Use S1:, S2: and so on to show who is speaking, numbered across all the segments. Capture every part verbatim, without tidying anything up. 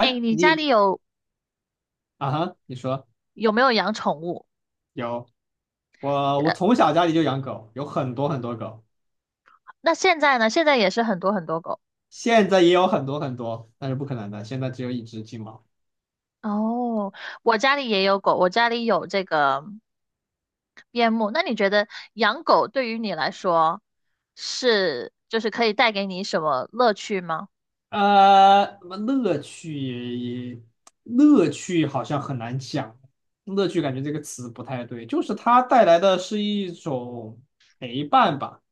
S1: 哎，你家里
S2: 你
S1: 有
S2: 啊哈，你说
S1: 有没有养宠物？
S2: 有我，
S1: 呃，
S2: 我从小家里就养狗，有很多很多狗，
S1: 那现在呢？现在也是很多很多狗。
S2: 现在也有很多很多，但是不可能的，现在只有一只金毛。
S1: 哦，我家里也有狗，我家里有这个边牧。那你觉得养狗对于你来说是就是可以带给你什么乐趣吗？
S2: 呃，什么乐趣？乐趣好像很难讲，乐趣感觉这个词不太对，就是它带来的是一种陪伴吧。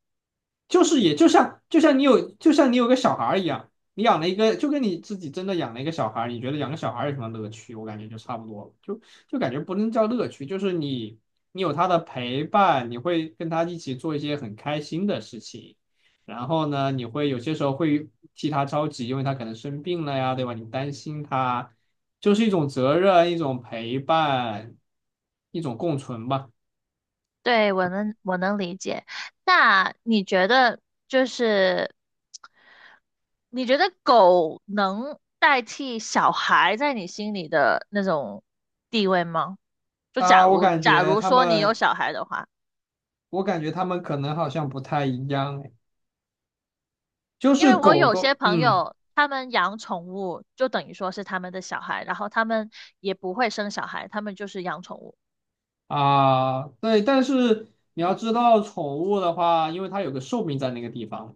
S2: 就是也就像就像你有就像你有个小孩儿一样，你养了一个就跟你自己真的养了一个小孩儿，你觉得养个小孩儿有什么乐趣？我感觉就差不多了，就就感觉不能叫乐趣，就是你你有他的陪伴，你会跟他一起做一些很开心的事情，然后呢，你会有些时候会替他着急，因为他可能生病了呀，对吧？你担心他，就是一种责任，一种陪伴，一种共存吧。
S1: 对，我能我能理解。那你觉得就是你觉得狗能代替小孩在你心里的那种地位吗？就假
S2: 啊，我
S1: 如
S2: 感
S1: 假
S2: 觉
S1: 如
S2: 他
S1: 说你有
S2: 们。
S1: 小孩的话，
S2: 我感觉他们可能好像不太一样，哎，就
S1: 因
S2: 是
S1: 为我
S2: 狗
S1: 有些
S2: 狗，
S1: 朋
S2: 嗯
S1: 友他们养宠物，就等于说是他们的小孩，然后他们也不会生小孩，他们就是养宠物。
S2: 啊，对，但是你要知道，宠物的话，因为它有个寿命在那个地方，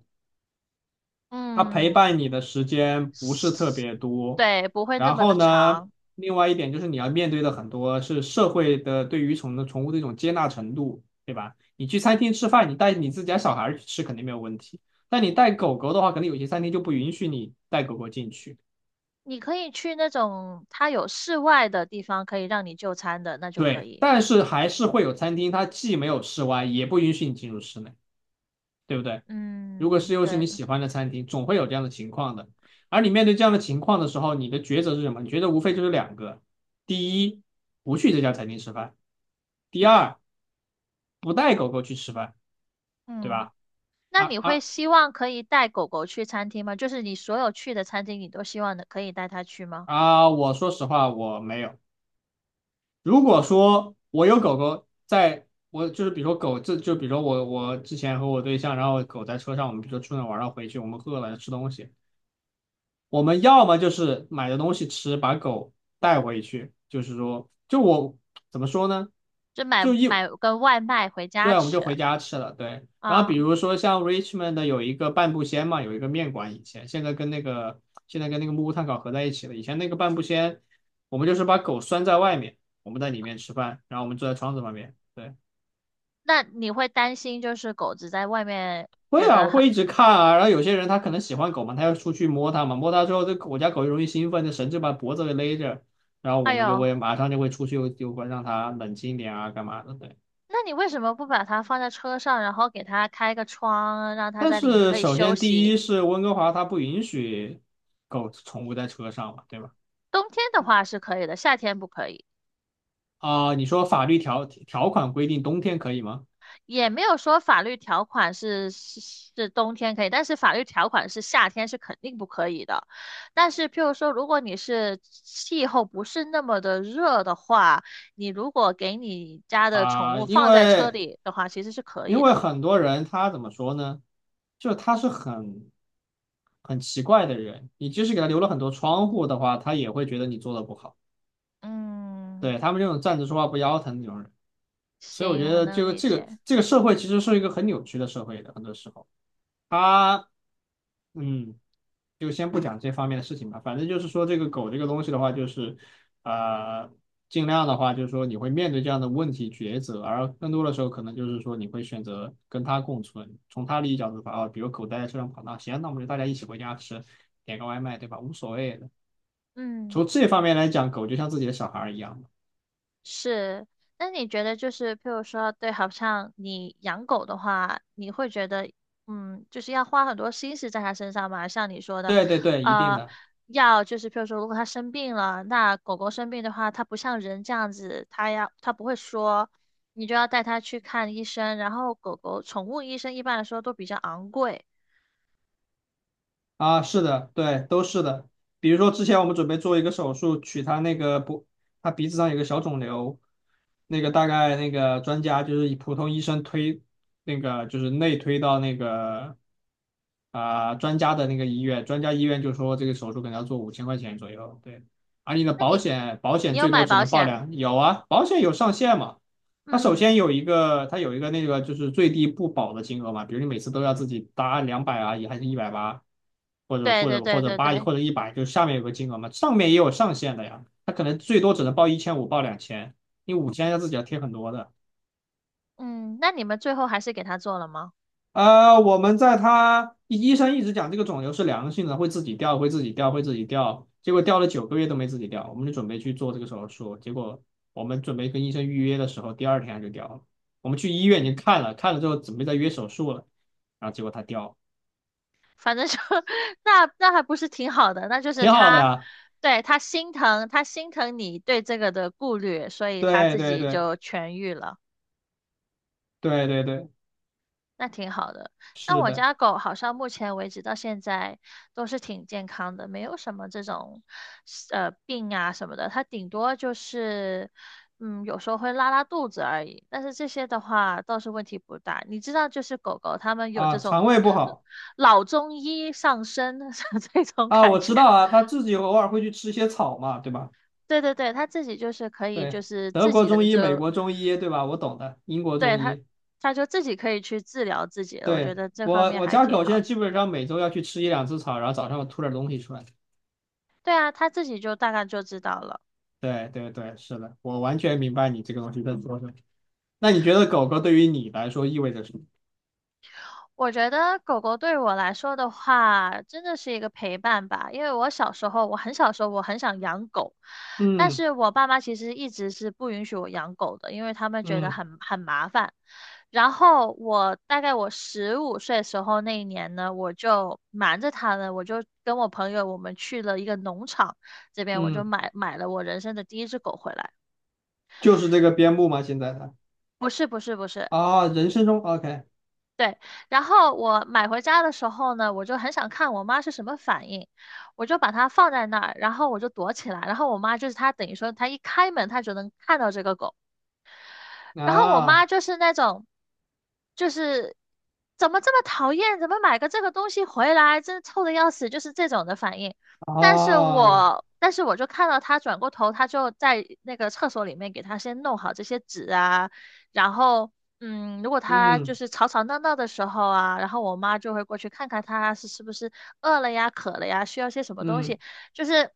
S2: 它陪
S1: 嗯，
S2: 伴你的时间不是特
S1: 是，
S2: 别多。
S1: 对，不会那
S2: 然
S1: 么的
S2: 后呢，
S1: 长。
S2: 另外一点就是你要面对的很多是社会的对于宠的宠物的一种接纳程度，对吧？你去餐厅吃饭，你带你自己家小孩儿去吃肯定没有问题，但你带狗狗的话，可能有些餐厅就不允许你带狗狗进去。
S1: 你可以去那种它有室外的地方，可以让你就餐的，那就可
S2: 对，
S1: 以。
S2: 但是还是会有餐厅，它既没有室外，也不允许你进入室内，对不对？如果
S1: 嗯，
S2: 是又是
S1: 对
S2: 你
S1: 的，
S2: 喜欢的餐厅，总会有这样的情况的。而你面对这样的情况的时候，你的抉择是什么？你觉得无非就是两个：第一，不去这家餐厅吃饭；第二，不带狗狗去吃饭，对
S1: 嗯。
S2: 吧？
S1: 那
S2: 啊
S1: 你会
S2: 啊
S1: 希望可以带狗狗去餐厅吗？就是你所有去的餐厅，你都希望的可以带它去吗？
S2: 啊！我说实话，我没有。如果说我有狗狗在，我就是比如说狗，这就比如说我我之前和我对象，然后狗在车上，我们比如说出去玩，然后回去我们饿了吃东西。我们要么就是买的东西吃，把狗带回去，就是说，就我怎么说呢？
S1: 就买
S2: 就一，
S1: 买个外卖回
S2: 对，
S1: 家
S2: 我们就回
S1: 吃
S2: 家吃了，对。然后比
S1: 啊。
S2: 如说像 Richmond 的有一个半步仙嘛，有一个面馆，以前现在跟那个现在跟那个木屋炭烤合在一起了。以前那个半步仙，我们就是把狗拴在外面，我们在里面吃饭，然后我们坐在窗子旁边。对。
S1: 那你会担心就是狗子在外面
S2: 会
S1: 觉
S2: 啊，
S1: 得
S2: 我
S1: 很，
S2: 会一直看啊。然后有些人他可能喜欢狗嘛，他要出去摸它嘛，摸它之后，这狗我家狗就容易兴奋，这绳子把脖子给勒着，然后我
S1: 哎
S2: 们就
S1: 呦，
S2: 会马上就会出去，就就会让它冷静一点啊，干嘛的？对。
S1: 那你为什么不把它放在车上，然后给它开个窗，让它
S2: 但
S1: 在里面
S2: 是
S1: 可以
S2: 首
S1: 休
S2: 先第
S1: 息？
S2: 一是温哥华它不允许狗宠物在车上嘛，对吧？
S1: 冬天的话是可以的，夏天不可以。
S2: 啊、你说法律条条款规定冬天可以吗？
S1: 也没有说法律条款是是是冬天可以，但是法律条款是夏天是肯定不可以的。但是，譬如说，如果你是气候不是那么的热的话，你如果给你家的宠
S2: 啊、
S1: 物
S2: 因
S1: 放在车
S2: 为。
S1: 里的话，其实是可
S2: 因
S1: 以
S2: 为
S1: 的。
S2: 很多人他怎么说呢？就他是很很奇怪的人，你即使给他留了很多窗户的话，他也会觉得你做的不好。
S1: 嗯，
S2: 对，他们这种站着说话不腰疼那种人，所以我
S1: 行，
S2: 觉
S1: 我
S2: 得
S1: 能
S2: 这个
S1: 理
S2: 这个
S1: 解。
S2: 这个社会其实是一个很扭曲的社会的，很多时候他嗯。就先不讲这方面的事情吧。反正就是说，这个狗这个东西的话，就是呃，尽量的话，就是说你会面对这样的问题抉择，而更多的时候可能就是说你会选择跟它共存。从它利益角度出发啊，比如狗待在车上跑大，那行，那我们就大家一起回家吃，点个外卖，对吧？无所谓的。
S1: 嗯。
S2: 从这方面来讲，狗就像自己的小孩一样。
S1: 是，那你觉得就是，譬如说，对，好像你养狗的话，你会觉得，嗯，就是要花很多心思在它身上嘛？像你说的，
S2: 对对对，一定
S1: 呃，
S2: 的。
S1: 要就是，譬如说，如果它生病了，那狗狗生病的话，它不像人这样子，它要它不会说，你就要带它去看医生。然后，狗狗宠物医生一般来说都比较昂贵，
S2: 啊，是的，对，都是的。比如说之前我们准备做一个手术，取他那个不，他鼻子上有个小肿瘤，那个大概那个专家就是以普通医生推，那个就是内推到那个啊、专家的那个医院，专家医院就说这个手术可能要做五千块钱左右，对。而你的
S1: 那
S2: 保
S1: 你
S2: 险保
S1: 你
S2: 险
S1: 有
S2: 最多
S1: 买
S2: 只
S1: 保
S2: 能报
S1: 险？
S2: 两，有啊，保险有上限嘛，它首
S1: 嗯，
S2: 先有一个，它有一个那个就是最低不保的金额嘛，比如你每次都要自己搭两百啊，也还是一百八，或者
S1: 对
S2: 或
S1: 对
S2: 者
S1: 对
S2: 或者
S1: 对
S2: 八
S1: 对，
S2: 或者一百，就是下面有个金额嘛，上面也有上限的呀，它可能最多只能报一千五，报两千，你五千要自己要贴很多的。
S1: 嗯，那你们最后还是给它做了吗？
S2: 呃，我们在他医生一直讲这个肿瘤是良性的，会自己掉，会自己掉，会自己掉。结果掉了九个月都没自己掉，我们就准备去做这个手术。结果我们准备跟医生预约的时候，第二天他就掉了。我们去医院已经看了，看了之后准备再约手术了，然后结果它掉了，
S1: 反正就 那那还不是挺好的，那就是
S2: 挺好的
S1: 他，
S2: 呀。
S1: 对，他心疼，他心疼你对这个的顾虑，所以他
S2: 对
S1: 自
S2: 对
S1: 己
S2: 对
S1: 就痊愈了，
S2: 对对对，
S1: 那挺好的。像
S2: 是
S1: 我
S2: 的
S1: 家狗，好像目前为止到现在都是挺健康的，没有什么这种呃病啊什么的，它顶多就是嗯有时候会拉拉肚子而已，但是这些的话倒是问题不大。你知道，就是狗狗它们有这
S2: 啊，
S1: 种。
S2: 肠胃不好
S1: 老中医上身 这种
S2: 啊，
S1: 感
S2: 我
S1: 觉。
S2: 知道啊，他自己偶尔会去吃一些草嘛，对吧？
S1: 对对对，他自己就是可以，就
S2: 对，
S1: 是
S2: 德
S1: 自
S2: 国
S1: 己的
S2: 中医、美
S1: 就，
S2: 国中医，对吧？我懂的，英国
S1: 对，
S2: 中
S1: 他，
S2: 医。
S1: 他就自己可以去治疗自己了。我觉
S2: 对，
S1: 得这方
S2: 我
S1: 面
S2: 我
S1: 还
S2: 家
S1: 挺
S2: 狗现
S1: 好
S2: 在
S1: 的。
S2: 基本上每周要去吃一两次草，然后早上我吐点东西出来。
S1: 对啊，他自己就大概就知道了。
S2: 对对对，是的，我完全明白你这个东西在说什么。那你觉得狗狗对于你来说意味着什么？
S1: 我觉得狗狗对我来说的话，真的是一个陪伴吧。因为我小时候，我很小时候，我很想养狗，但
S2: 嗯
S1: 是我爸妈其实一直是不允许我养狗的，因为他们觉得
S2: 嗯
S1: 很很麻烦。然后我大概我十五岁的时候那一年呢，我就瞒着他呢，我就跟我朋友我们去了一个农场，这边我就
S2: 嗯，
S1: 买买了我人生的第一只狗回来。
S2: 就是这个边牧吗？现在的
S1: 不是不是不是，
S2: 啊，人生中 OK
S1: 对，然后我买回家的时候呢，我就很想看我妈是什么反应，我就把它放在那儿，然后我就躲起来，然后我妈就是她等于说她一开门，她就能看到这个狗。然后我妈
S2: 啊
S1: 就是那种，就是怎么这么讨厌，怎么买个这个东西回来，真臭的要死，就是这种的反应。但是
S2: 哦，
S1: 我，但是我就看到她转过头，她就在那个厕所里面给她先弄好这些纸啊，然后，嗯，如果她就
S2: 嗯
S1: 是吵吵闹闹的时候啊，然后我妈就会过去看看她是是不是饿了呀、渴了呀，需要些什么东
S2: 嗯
S1: 西，就是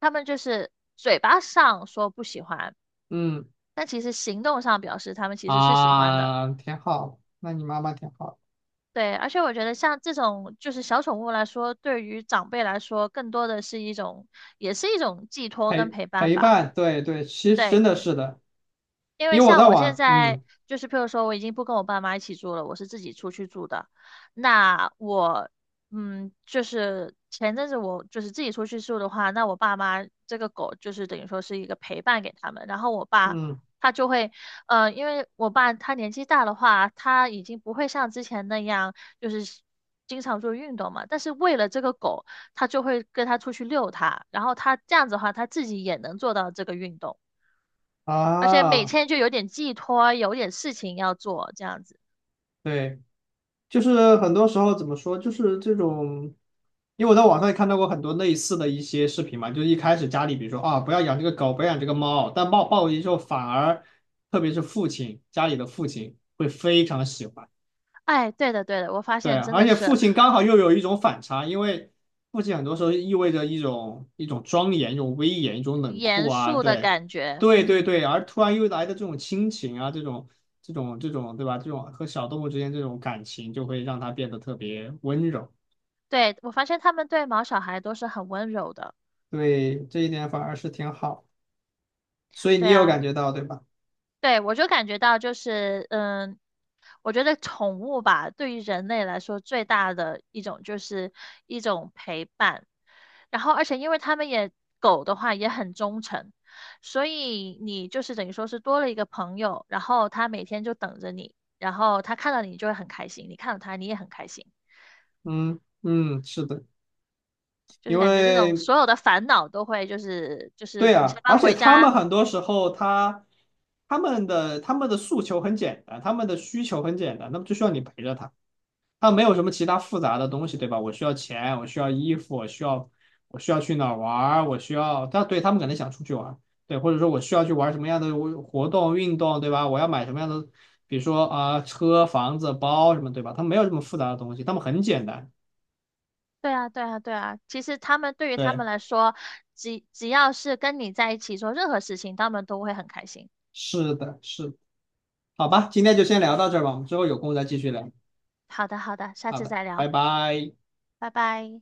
S1: 他们就是嘴巴上说不喜欢。
S2: 嗯
S1: 但其实行动上表示他们其实是喜欢的。
S2: 啊，挺好。那你妈妈挺好，
S1: 对，而且我觉得像这种就是小宠物来说，对于长辈来说，更多的是一种，也是一种寄托跟
S2: 陪
S1: 陪伴
S2: 陪
S1: 吧。
S2: 伴，对对，其实
S1: 对，
S2: 真的是的，
S1: 因为
S2: 因为我
S1: 像
S2: 在
S1: 我现
S2: 网，
S1: 在
S2: 嗯
S1: 就是，譬如说，我已经不跟我爸妈一起住了，我是自己出去住的。那我，嗯，就是前阵子我就是自己出去住的话，那我爸妈这个狗就是等于说是一个陪伴给他们。然后我爸
S2: 嗯
S1: 他就会，呃，因为我爸他年纪大的话，他已经不会像之前那样就是经常做运动嘛。但是为了这个狗，他就会跟他出去遛它，然后他这样子的话，他自己也能做到这个运动。而且每
S2: 啊。
S1: 天就有点寄托，有点事情要做，这样子。
S2: 对，就是很多时候怎么说，就是这种，因为我在网上也看到过很多类似的一些视频嘛，就是一开始家里比如说啊，不要养这个狗，不要养这个猫，但抱抱回去之后，反而特别是父亲，家里的父亲会非常喜欢。
S1: 哎，对的，对的，我发
S2: 对
S1: 现
S2: 啊，
S1: 真
S2: 而
S1: 的
S2: 且父
S1: 是
S2: 亲刚好又有一种反差，因为父亲很多时候意味着一种一种庄严、一种威严、一种冷酷
S1: 严
S2: 啊，
S1: 肃的
S2: 对，
S1: 感觉。
S2: 对对
S1: 嗯，
S2: 对，而突然又来的这种亲情啊，这种这种这种，对吧？这种和小动物之间这种感情，就会让他变得特别温柔。
S1: 对，我发现他们对毛小孩都是很温柔的。
S2: 对，这一点反而是挺好，所以你
S1: 对
S2: 有
S1: 啊，
S2: 感觉到，对吧？
S1: 对，我就感觉到就是，嗯，我觉得宠物吧，对于人类来说最大的一种就是一种陪伴，然后而且因为他们也狗的话也很忠诚，所以你就是等于说是多了一个朋友，然后它每天就等着你，然后它看到你就会很开心，你看到它你也很开心，
S2: 嗯嗯，是的，
S1: 就是
S2: 因
S1: 感觉这种
S2: 为
S1: 所有的烦恼都会就是就是
S2: 对
S1: 你下
S2: 啊，
S1: 班
S2: 而且
S1: 回
S2: 他
S1: 家
S2: 们很多时候他他们的他们的诉求很简单，他们的需求很简单，那么就需要你陪着他，他没有什么其他复杂的东西，对吧？我需要钱，我需要衣服，我需要我需要去哪儿玩儿我需要，他对他们可能想出去玩儿对，或者说我需要去玩什么样的活动运动，对吧？我要买什么样的，比如说啊、车、房子、包什么，对吧？他们没有这么复杂的东西，他们很简单。
S1: 对啊，对啊，对啊。其实他们对于他
S2: 对，
S1: 们来说，只只要是跟你在一起做任何事情，他们都会很开心。
S2: 是的，是的，好吧，今天就先聊到这儿吧，我们之后有空再继续聊。
S1: 好的，好的，下
S2: 好
S1: 次
S2: 的，
S1: 再聊，
S2: 拜拜。
S1: 拜拜。